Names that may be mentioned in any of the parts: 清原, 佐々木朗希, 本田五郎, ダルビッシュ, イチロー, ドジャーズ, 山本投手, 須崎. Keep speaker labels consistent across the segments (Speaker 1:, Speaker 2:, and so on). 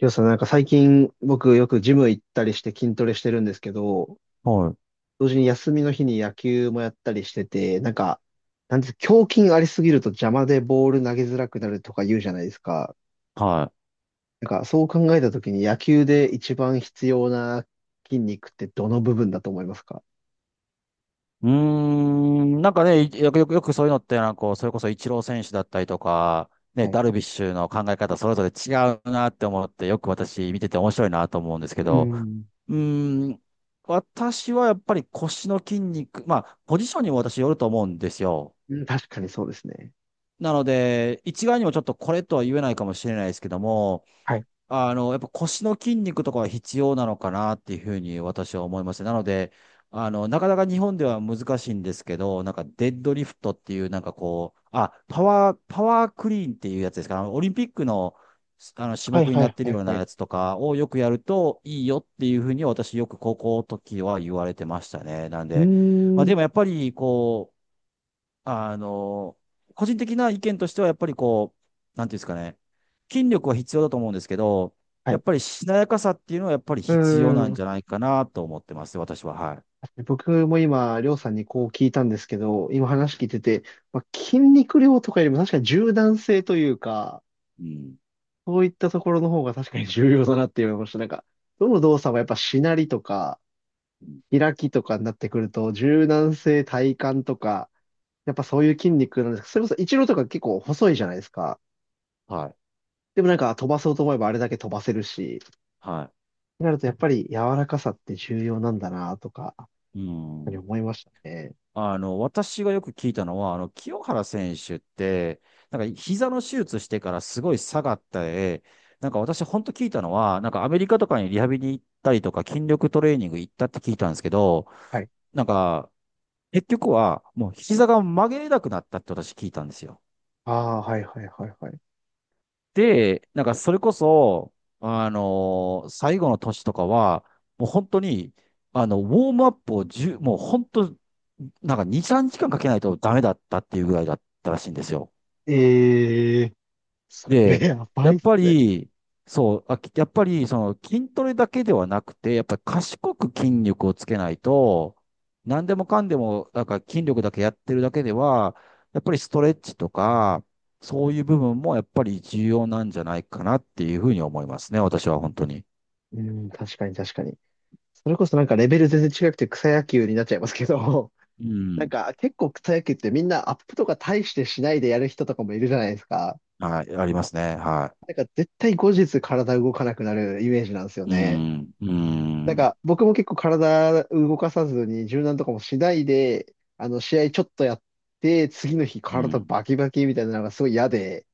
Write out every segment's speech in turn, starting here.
Speaker 1: りょうさん、なんか最近僕よくジム行ったりして筋トレしてるんですけど、
Speaker 2: はい。
Speaker 1: 同時に休みの日に野球もやったりしてて、なんか、なんていうの胸筋ありすぎると邪魔でボール投げづらくなるとか言うじゃないですか。
Speaker 2: はい。
Speaker 1: なんかそう考えたときに野球で一番必要な筋肉ってどの部分だと思いますか？
Speaker 2: うーん、なんかね、いよくよく、よくそういうのって、なんかこう、それこそイチロー選手だったりとか、ね、
Speaker 1: はい。
Speaker 2: ダルビッシュの考え方それぞれ違うなって思って、よく私見てて面白いなと思うんですけ
Speaker 1: う
Speaker 2: ど、
Speaker 1: ん。
Speaker 2: うーん、私はやっぱり腰の筋肉、まあ、ポジションにも私よると思うんですよ。
Speaker 1: うん、確かにそうですね。
Speaker 2: なので、一概にもちょっとこれとは言えないかもしれないですけども、
Speaker 1: はい。
Speaker 2: あの、やっぱ腰の筋肉とかは必要なのかなっていうふうに私は思います。なので、あの、なかなか日本では難しいんですけど、なんかデッドリフトっていうなんかこう、あ、パワークリーンっていうやつですか？あのオリンピックの、あの種
Speaker 1: はい
Speaker 2: 目に
Speaker 1: は
Speaker 2: なっ
Speaker 1: い
Speaker 2: てる
Speaker 1: は
Speaker 2: よ
Speaker 1: い
Speaker 2: う
Speaker 1: は
Speaker 2: な
Speaker 1: い。
Speaker 2: やつとかをよくやるといいよっていうふうに私よく高校の時は言われてましたね。なん
Speaker 1: うー
Speaker 2: で、まあ
Speaker 1: ん。
Speaker 2: でもやっぱりこう、あの、個人的な意見としては、やっぱりこう、なんていうんですかね、筋力は必要だと思うんですけど、
Speaker 1: は
Speaker 2: やっ
Speaker 1: い。
Speaker 2: ぱりしなやかさっていうのはやっぱり
Speaker 1: う
Speaker 2: 必要
Speaker 1: ー
Speaker 2: なんじ
Speaker 1: ん。
Speaker 2: ゃないかなと思ってます、私は。はい。
Speaker 1: 僕も今、りょうさんにこう聞いたんですけど、今話聞いてて、まあ、筋肉量とかよりも確かに柔軟性というか、
Speaker 2: うん。
Speaker 1: そういったところの方が確かに重要だなって思いました。なんか、どの動作もやっぱしなりとか、
Speaker 2: うん。
Speaker 1: 開きとかになってくると、柔軟性、体幹とか、やっぱそういう筋肉なんですけど、それこそ一郎とか結構細いじゃないですか。
Speaker 2: はい。
Speaker 1: でもなんか飛ばそうと思えばあれだけ飛ばせるし、っ
Speaker 2: は
Speaker 1: てなるとやっぱり柔らかさって重要なんだなとか、やっ
Speaker 2: い。う
Speaker 1: ぱり
Speaker 2: ん。
Speaker 1: 思いましたね。
Speaker 2: あの、私がよく聞いたのは、あの、清原選手って、なんか膝の手術してからすごい下がった、なんか私本当聞いたのは、なんかアメリカとかにリハビリ行ったりとか筋力トレーニング行ったって聞いたんですけど、
Speaker 1: はい。
Speaker 2: なんか結局は、もう膝が曲げれなくなったって私聞いたんですよ。
Speaker 1: ああ、はいはいはいはい。
Speaker 2: で、なんかそれこそ、最後の年とかは、もう本当に、あの、ウォームアップを1もう本当、なんか2、3時間かんかけないとダメだったっていうぐらいだったらしいんですよ。
Speaker 1: ええ、それ
Speaker 2: で、
Speaker 1: やば
Speaker 2: や
Speaker 1: い
Speaker 2: っ
Speaker 1: っす
Speaker 2: ぱ
Speaker 1: ね。
Speaker 2: り、そう、やっぱり、その筋トレだけではなくて、やっぱり賢く筋力をつけないと、何でもかんでも、なんか筋力だけやってるだけでは、やっぱりストレッチとか、そういう部分もやっぱり重要なんじゃないかなっていうふうに思いますね、私は本当に。
Speaker 1: うん、確かに確かに。それこそなんかレベル全然違くて草野球になっちゃいますけど、
Speaker 2: う
Speaker 1: なん
Speaker 2: ん。
Speaker 1: か結構草野球ってみんなアップとか大してしないでやる人とかもいるじゃないですか。
Speaker 2: はい、ありますね。は
Speaker 1: なんか絶対後日体動かなくなるイメージなんですよ
Speaker 2: い。う
Speaker 1: ね。
Speaker 2: ん、う
Speaker 1: なん
Speaker 2: ん、
Speaker 1: か僕も結構体動かさずに柔軟とかもしないで、試合ちょっとやって、次の日
Speaker 2: う
Speaker 1: 体
Speaker 2: ん、
Speaker 1: バキバキみたいなのがすごい嫌で、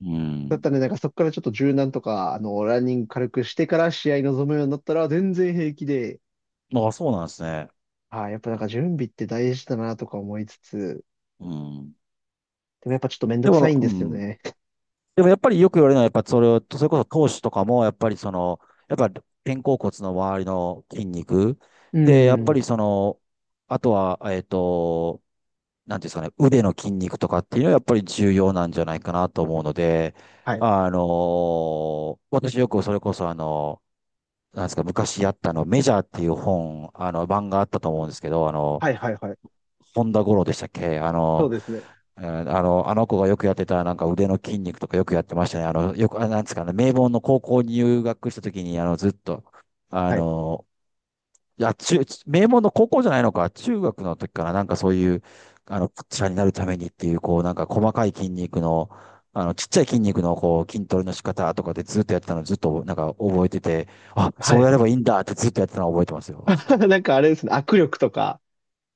Speaker 2: う
Speaker 1: だった
Speaker 2: ん。
Speaker 1: らね、なんかそこからちょっと柔軟とか、ランニング軽くしてから試合に臨むようになったら全然平気で、
Speaker 2: あ、そうなんですね。
Speaker 1: ああ、やっぱなんか準備って大事だなとか思いつつ、
Speaker 2: うん。
Speaker 1: でもやっぱちょっとめんど
Speaker 2: で
Speaker 1: くさ
Speaker 2: も、
Speaker 1: いん
Speaker 2: う
Speaker 1: ですよ
Speaker 2: ん。
Speaker 1: ね。
Speaker 2: でもやっぱりよく言われるのは、やっぱそれを、それこそ投手とかも、やっぱりその、やっぱ肩甲骨の周りの筋肉。
Speaker 1: う
Speaker 2: で、やっ
Speaker 1: ん。
Speaker 2: ぱ
Speaker 1: ん。
Speaker 2: りその、あとは、えっと、なんていうんですかね、腕の筋肉とかっていうのはやっぱり重要なんじゃないかなと思うので、
Speaker 1: はい。
Speaker 2: あのー私よくそれこそあの、なんですか、昔やったあの、メジャーっていう本、あの、版があったと思うんですけど、あの、
Speaker 1: はいはいはい。
Speaker 2: 本田五郎でしたっけ？あ
Speaker 1: そ
Speaker 2: の、
Speaker 1: うですね。
Speaker 2: あの子がよくやってた、なんか腕の筋肉とかよくやってましたね。あの、よく、あ、なんですかね、名門の高校に入学した時に、あの、ずっと、あ
Speaker 1: はい。
Speaker 2: の、いや、名門の高校じゃないのか、中学の時から、なんかそういう、あの、ピッチャーになるためにっていう、こう、なんか細かい筋肉の、あの、ちっちゃい筋肉の、こう、筋トレの仕方とかでずっとやってたの、ずっと、なんか覚えてて、あ、
Speaker 1: は
Speaker 2: そう
Speaker 1: い。
Speaker 2: やればいいんだってずっとやってたのを覚えてますよ、私は。
Speaker 1: なんかあれですね、握力とか、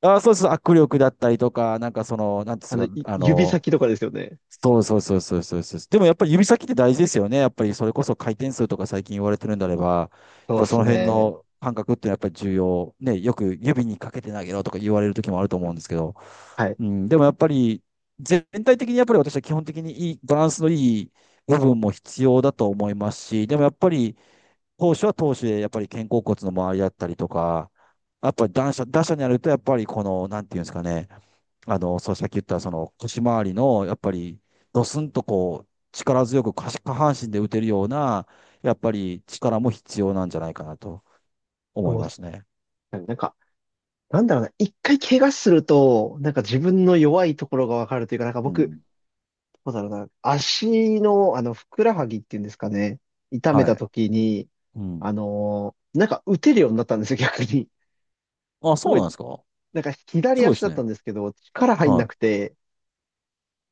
Speaker 2: あ、そうそう、握力だったりとか、なんかその、なんていうんですか、あ
Speaker 1: 指
Speaker 2: の、
Speaker 1: 先とかですよね。
Speaker 2: そうそうそうそうそうそう。でもやっぱり指先って大事ですよね。やっぱりそれこそ回転数とか最近言われてるんであれば、やっ
Speaker 1: そう
Speaker 2: ぱ
Speaker 1: で
Speaker 2: そ
Speaker 1: す
Speaker 2: の辺
Speaker 1: ね。
Speaker 2: の感覚ってやっぱり重要。ね、よく指にかけて投げろとか言われる時もあると思うんですけど、
Speaker 1: はい。
Speaker 2: うん、でもやっぱり全体的にやっぱり私は基本的にいい、バランスのいい部分も必要だと思いますし、でもやっぱり投手は投手でやっぱり肩甲骨の周りだったりとか、やっぱり打者、打者になるとやっぱりこの、なんていうんですかね、あの、そう、さっき言った、その、腰回りの、やっぱり、ドスンとこう、力強く下半身で打てるような、やっぱり力も必要なんじゃないかなと思い
Speaker 1: そうっ
Speaker 2: ま
Speaker 1: す
Speaker 2: すね。
Speaker 1: ね。なんか、なんだろうな、一回怪我すると、なんか自分の弱いところがわかるというか、なんか
Speaker 2: う
Speaker 1: 僕、
Speaker 2: ん。
Speaker 1: そうだろうな。足の、ふくらはぎっていうんですかね。痛め
Speaker 2: は
Speaker 1: た
Speaker 2: い。
Speaker 1: 時に、
Speaker 2: うん。
Speaker 1: なんか打てるようになったんですよ、逆に。
Speaker 2: あ、
Speaker 1: す
Speaker 2: そう
Speaker 1: ご
Speaker 2: なん
Speaker 1: い、
Speaker 2: ですか？
Speaker 1: なんか
Speaker 2: す
Speaker 1: 左
Speaker 2: ごいで
Speaker 1: 足
Speaker 2: す
Speaker 1: だっ
Speaker 2: ね。
Speaker 1: たんですけど、力入んな
Speaker 2: は
Speaker 1: くて、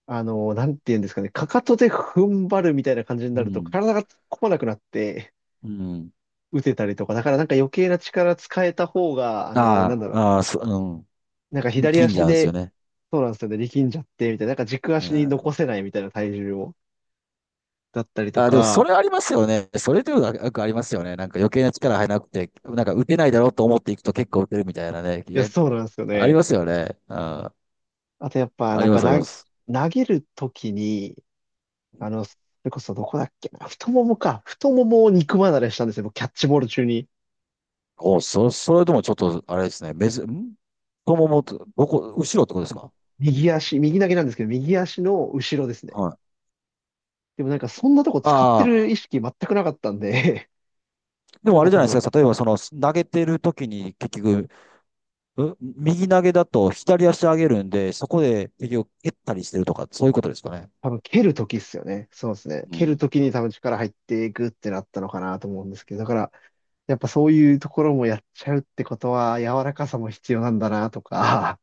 Speaker 1: あのーなんていうんですかね、かかとで踏ん張るみたいな感じに
Speaker 2: い。
Speaker 1: な
Speaker 2: う
Speaker 1: ると、
Speaker 2: ん。
Speaker 1: 体が突っ込まなくなって、
Speaker 2: うん。
Speaker 1: 打てたりとか、だからなんか余計な力使えた方が、
Speaker 2: ああ、ああ、
Speaker 1: なんか
Speaker 2: うん。
Speaker 1: 左
Speaker 2: 力んじ
Speaker 1: 足
Speaker 2: ゃうんですよ
Speaker 1: で、
Speaker 2: ね。
Speaker 1: そうなんですよね、力んじゃって、みたいな、なんか軸
Speaker 2: う
Speaker 1: 足に残
Speaker 2: ん。
Speaker 1: せないみたいな体重を、だったりと
Speaker 2: あ、でもそ
Speaker 1: か、
Speaker 2: れありますよね。それというかよくありますよね。なんか余計な力入らなくて、なんか打てないだろうと思っていくと結構打てるみたいなね。い
Speaker 1: いや、
Speaker 2: や、
Speaker 1: そうなんですよ
Speaker 2: あり
Speaker 1: ね。
Speaker 2: ますよね。うん。
Speaker 1: あとやっぱ、
Speaker 2: あ
Speaker 1: な
Speaker 2: り
Speaker 1: ん
Speaker 2: ま
Speaker 1: か
Speaker 2: す、あり
Speaker 1: な、
Speaker 2: ます。
Speaker 1: 投げるときに、それこそどこだっけな、太ももか、太ももを肉離れしたんですよ、僕キャッチボール中に。
Speaker 2: お、それともちょっと、あれですね。太ももと、どこ、後ろってことですか？
Speaker 1: 右足、右投げなんですけど、右足の後ろですね。
Speaker 2: はい。
Speaker 1: でもなんかそんなとこ使っ
Speaker 2: あ
Speaker 1: て
Speaker 2: あ、
Speaker 1: る意識全くなかったんで、
Speaker 2: で
Speaker 1: な
Speaker 2: も
Speaker 1: ん
Speaker 2: あれ
Speaker 1: か
Speaker 2: じ
Speaker 1: 多
Speaker 2: ゃないで
Speaker 1: 分、
Speaker 2: すか。例えば、その、投げてる時に、結局、う右投げだと左足上げるんで、そこで、結局、蹴ったりしてるとか、そういうことですかね。
Speaker 1: 多分蹴るときっすよね。そうですね。
Speaker 2: う
Speaker 1: 蹴る
Speaker 2: ん。
Speaker 1: ときに多分力入っていくってなったのかなと思うんですけど、だからやっぱそういうところもやっちゃうってことは柔らかさも必要なんだなとか、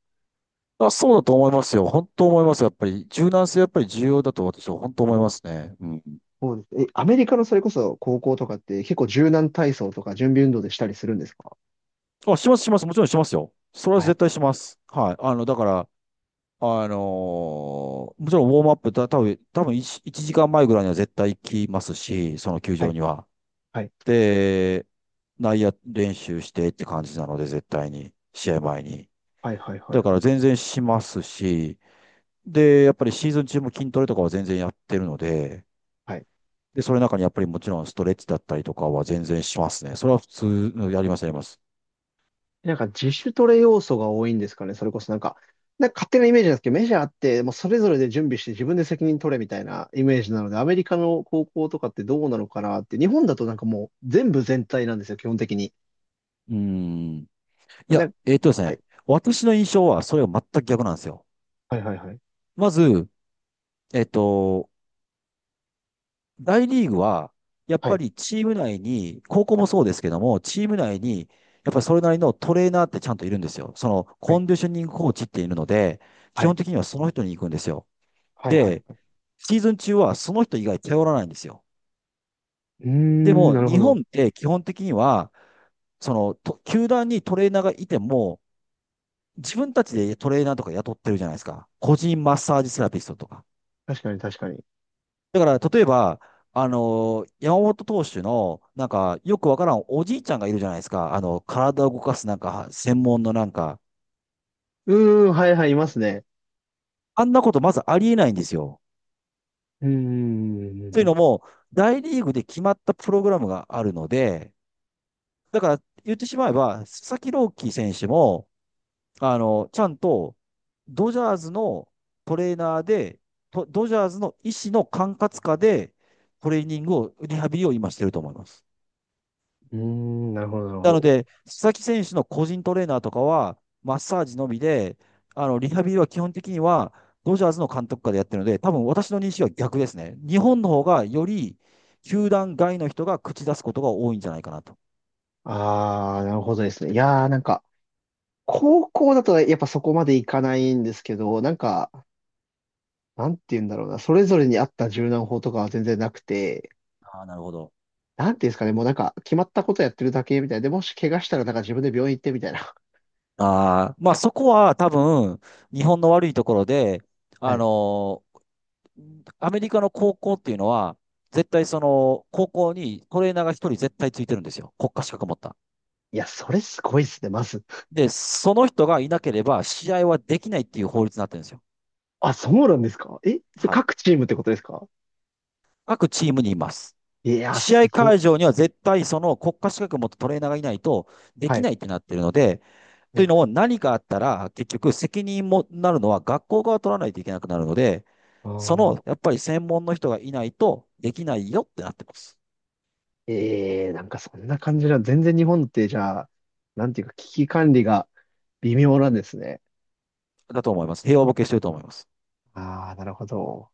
Speaker 2: あ、そうだと思いますよ。本当思います。やっぱり、柔軟性やっぱり重要だと私は本当思いますね。うん。
Speaker 1: そうです。え、アメリカのそれこそ高校とかって結構柔軟体操とか準備運動でしたりするんですか？
Speaker 2: あ、します、します。もちろんしますよ。それは
Speaker 1: はい、
Speaker 2: 絶対します。はい。あの、だから、あのもちろんウォームアップだ、多分1、一時間前ぐらいには絶対行きますし、その球
Speaker 1: は
Speaker 2: 場
Speaker 1: い、
Speaker 2: には。
Speaker 1: は
Speaker 2: で、内野練習してって感じなので、絶対に、試合前に。
Speaker 1: い、はい、はい、は
Speaker 2: だ
Speaker 1: い。
Speaker 2: から全然しますし、で、やっぱりシーズン中も筋トレとかは全然やってるので、
Speaker 1: はい。
Speaker 2: で、それの中にやっぱりもちろんストレッチだったりとかは全然しますね。それは普通やります、やります。
Speaker 1: なんか自主トレ要素が多いんですかね？それこそなんか、なんか勝手なイメージなんですけど、メジャーってもうそれぞれで準備して自分で責任取れみたいなイメージなので、アメリカの高校とかってどうなのかなって、日本だとなんかもう全部全体なんですよ、基本的に。
Speaker 2: うーん。い
Speaker 1: な
Speaker 2: や、
Speaker 1: んか、
Speaker 2: えっとです
Speaker 1: はい、
Speaker 2: ね、私の印象はそれが全く逆なんですよ。
Speaker 1: はい、はい、はい、
Speaker 2: まず、えっと、大リーグは、やっ
Speaker 1: は
Speaker 2: ぱ
Speaker 1: い、
Speaker 2: りチーム内に、高校もそうですけども、チーム内に、やっぱりそれなりのトレーナーってちゃんといるんですよ。その、
Speaker 1: は
Speaker 2: コ
Speaker 1: い、
Speaker 2: ンディショニングコーチっているので、
Speaker 1: は
Speaker 2: 基本
Speaker 1: い、
Speaker 2: 的にはその人に行くんですよ。
Speaker 1: はい、はい。
Speaker 2: で、
Speaker 1: はい。
Speaker 2: シーズン中はその人以外頼らないんですよ。
Speaker 1: うー
Speaker 2: で
Speaker 1: ん、
Speaker 2: も、
Speaker 1: なるほ
Speaker 2: 日本
Speaker 1: ど。
Speaker 2: って基本的には、その、と球団にトレーナーがいても、自分たちでトレーナーとか雇ってるじゃないですか。個人マッサージセラピストとか。
Speaker 1: 確かに、確かに。
Speaker 2: だから、例えば、山本投手の、なんか、よくわからんおじいちゃんがいるじゃないですか。あの、体を動かすなんか、専門のなんか、
Speaker 1: うーん、はい、はい、いますね。
Speaker 2: あんなことまずありえないんですよ。
Speaker 1: うーん、う
Speaker 2: というのも、大リーグで決まったプログラムがあるので、だから言ってしまえば、佐々木朗希選手も、あの、ちゃんと、ドジャーズのトレーナーで、とドジャーズの医師の管轄下で、トレーニングを、リハビリを今してると思います。
Speaker 1: ーん、なるほど、なるほ
Speaker 2: なの
Speaker 1: ど。
Speaker 2: で、須崎選手の個人トレーナーとかは、マッサージのみで、あの、リハビリは基本的には、ドジャーズの監督下でやってるので、多分私の認識は逆ですね。日本の方がより、球団外の人が口出すことが多いんじゃないかなと。
Speaker 1: ああ、なるほどですね。いやー、なんか、高校だとやっぱそこまでいかないんですけど、なんか、なんて言うんだろうな、それぞれに合った柔軟法とかは全然なくて、
Speaker 2: ああ、なるほど。
Speaker 1: なんていうんですかね、もうなんか、決まったことやってるだけみたいな。で、もし怪我したらなんか自分で病院行ってみたいな。
Speaker 2: ああ、まあそこは多分、日本の悪いところで、
Speaker 1: は
Speaker 2: あ
Speaker 1: い。
Speaker 2: のーアメリカの高校っていうのは、絶対その、高校にトレーナーが一人絶対ついてるんですよ。国家資格持った。
Speaker 1: いや、それすごいですね、まず。
Speaker 2: で、その人がいなければ試合はできないっていう法律になってるんですよ。
Speaker 1: あ、そうなんですか？え、それ
Speaker 2: はい。
Speaker 1: 各チームってことですか？
Speaker 2: 各チームにいます。
Speaker 1: いやー、
Speaker 2: 試
Speaker 1: す
Speaker 2: 合
Speaker 1: ごっ。
Speaker 2: 会場には絶対その国家資格を持ったトレーナーがいないとで
Speaker 1: は
Speaker 2: き
Speaker 1: い。
Speaker 2: ないってなってるので、というのも何かあったら結局責任もなるのは学校側取らないといけなくなるので、
Speaker 1: ああー、
Speaker 2: そ
Speaker 1: なるほど。
Speaker 2: のやっぱり専門の人がいないとできないよってなってます。
Speaker 1: ええ、なんかそんな感じな、全然日本ってじゃあ、なんていうか危機管理が微妙なんですね。
Speaker 2: だと思います。平和ボケしてると思います。
Speaker 1: ああ、なるほど。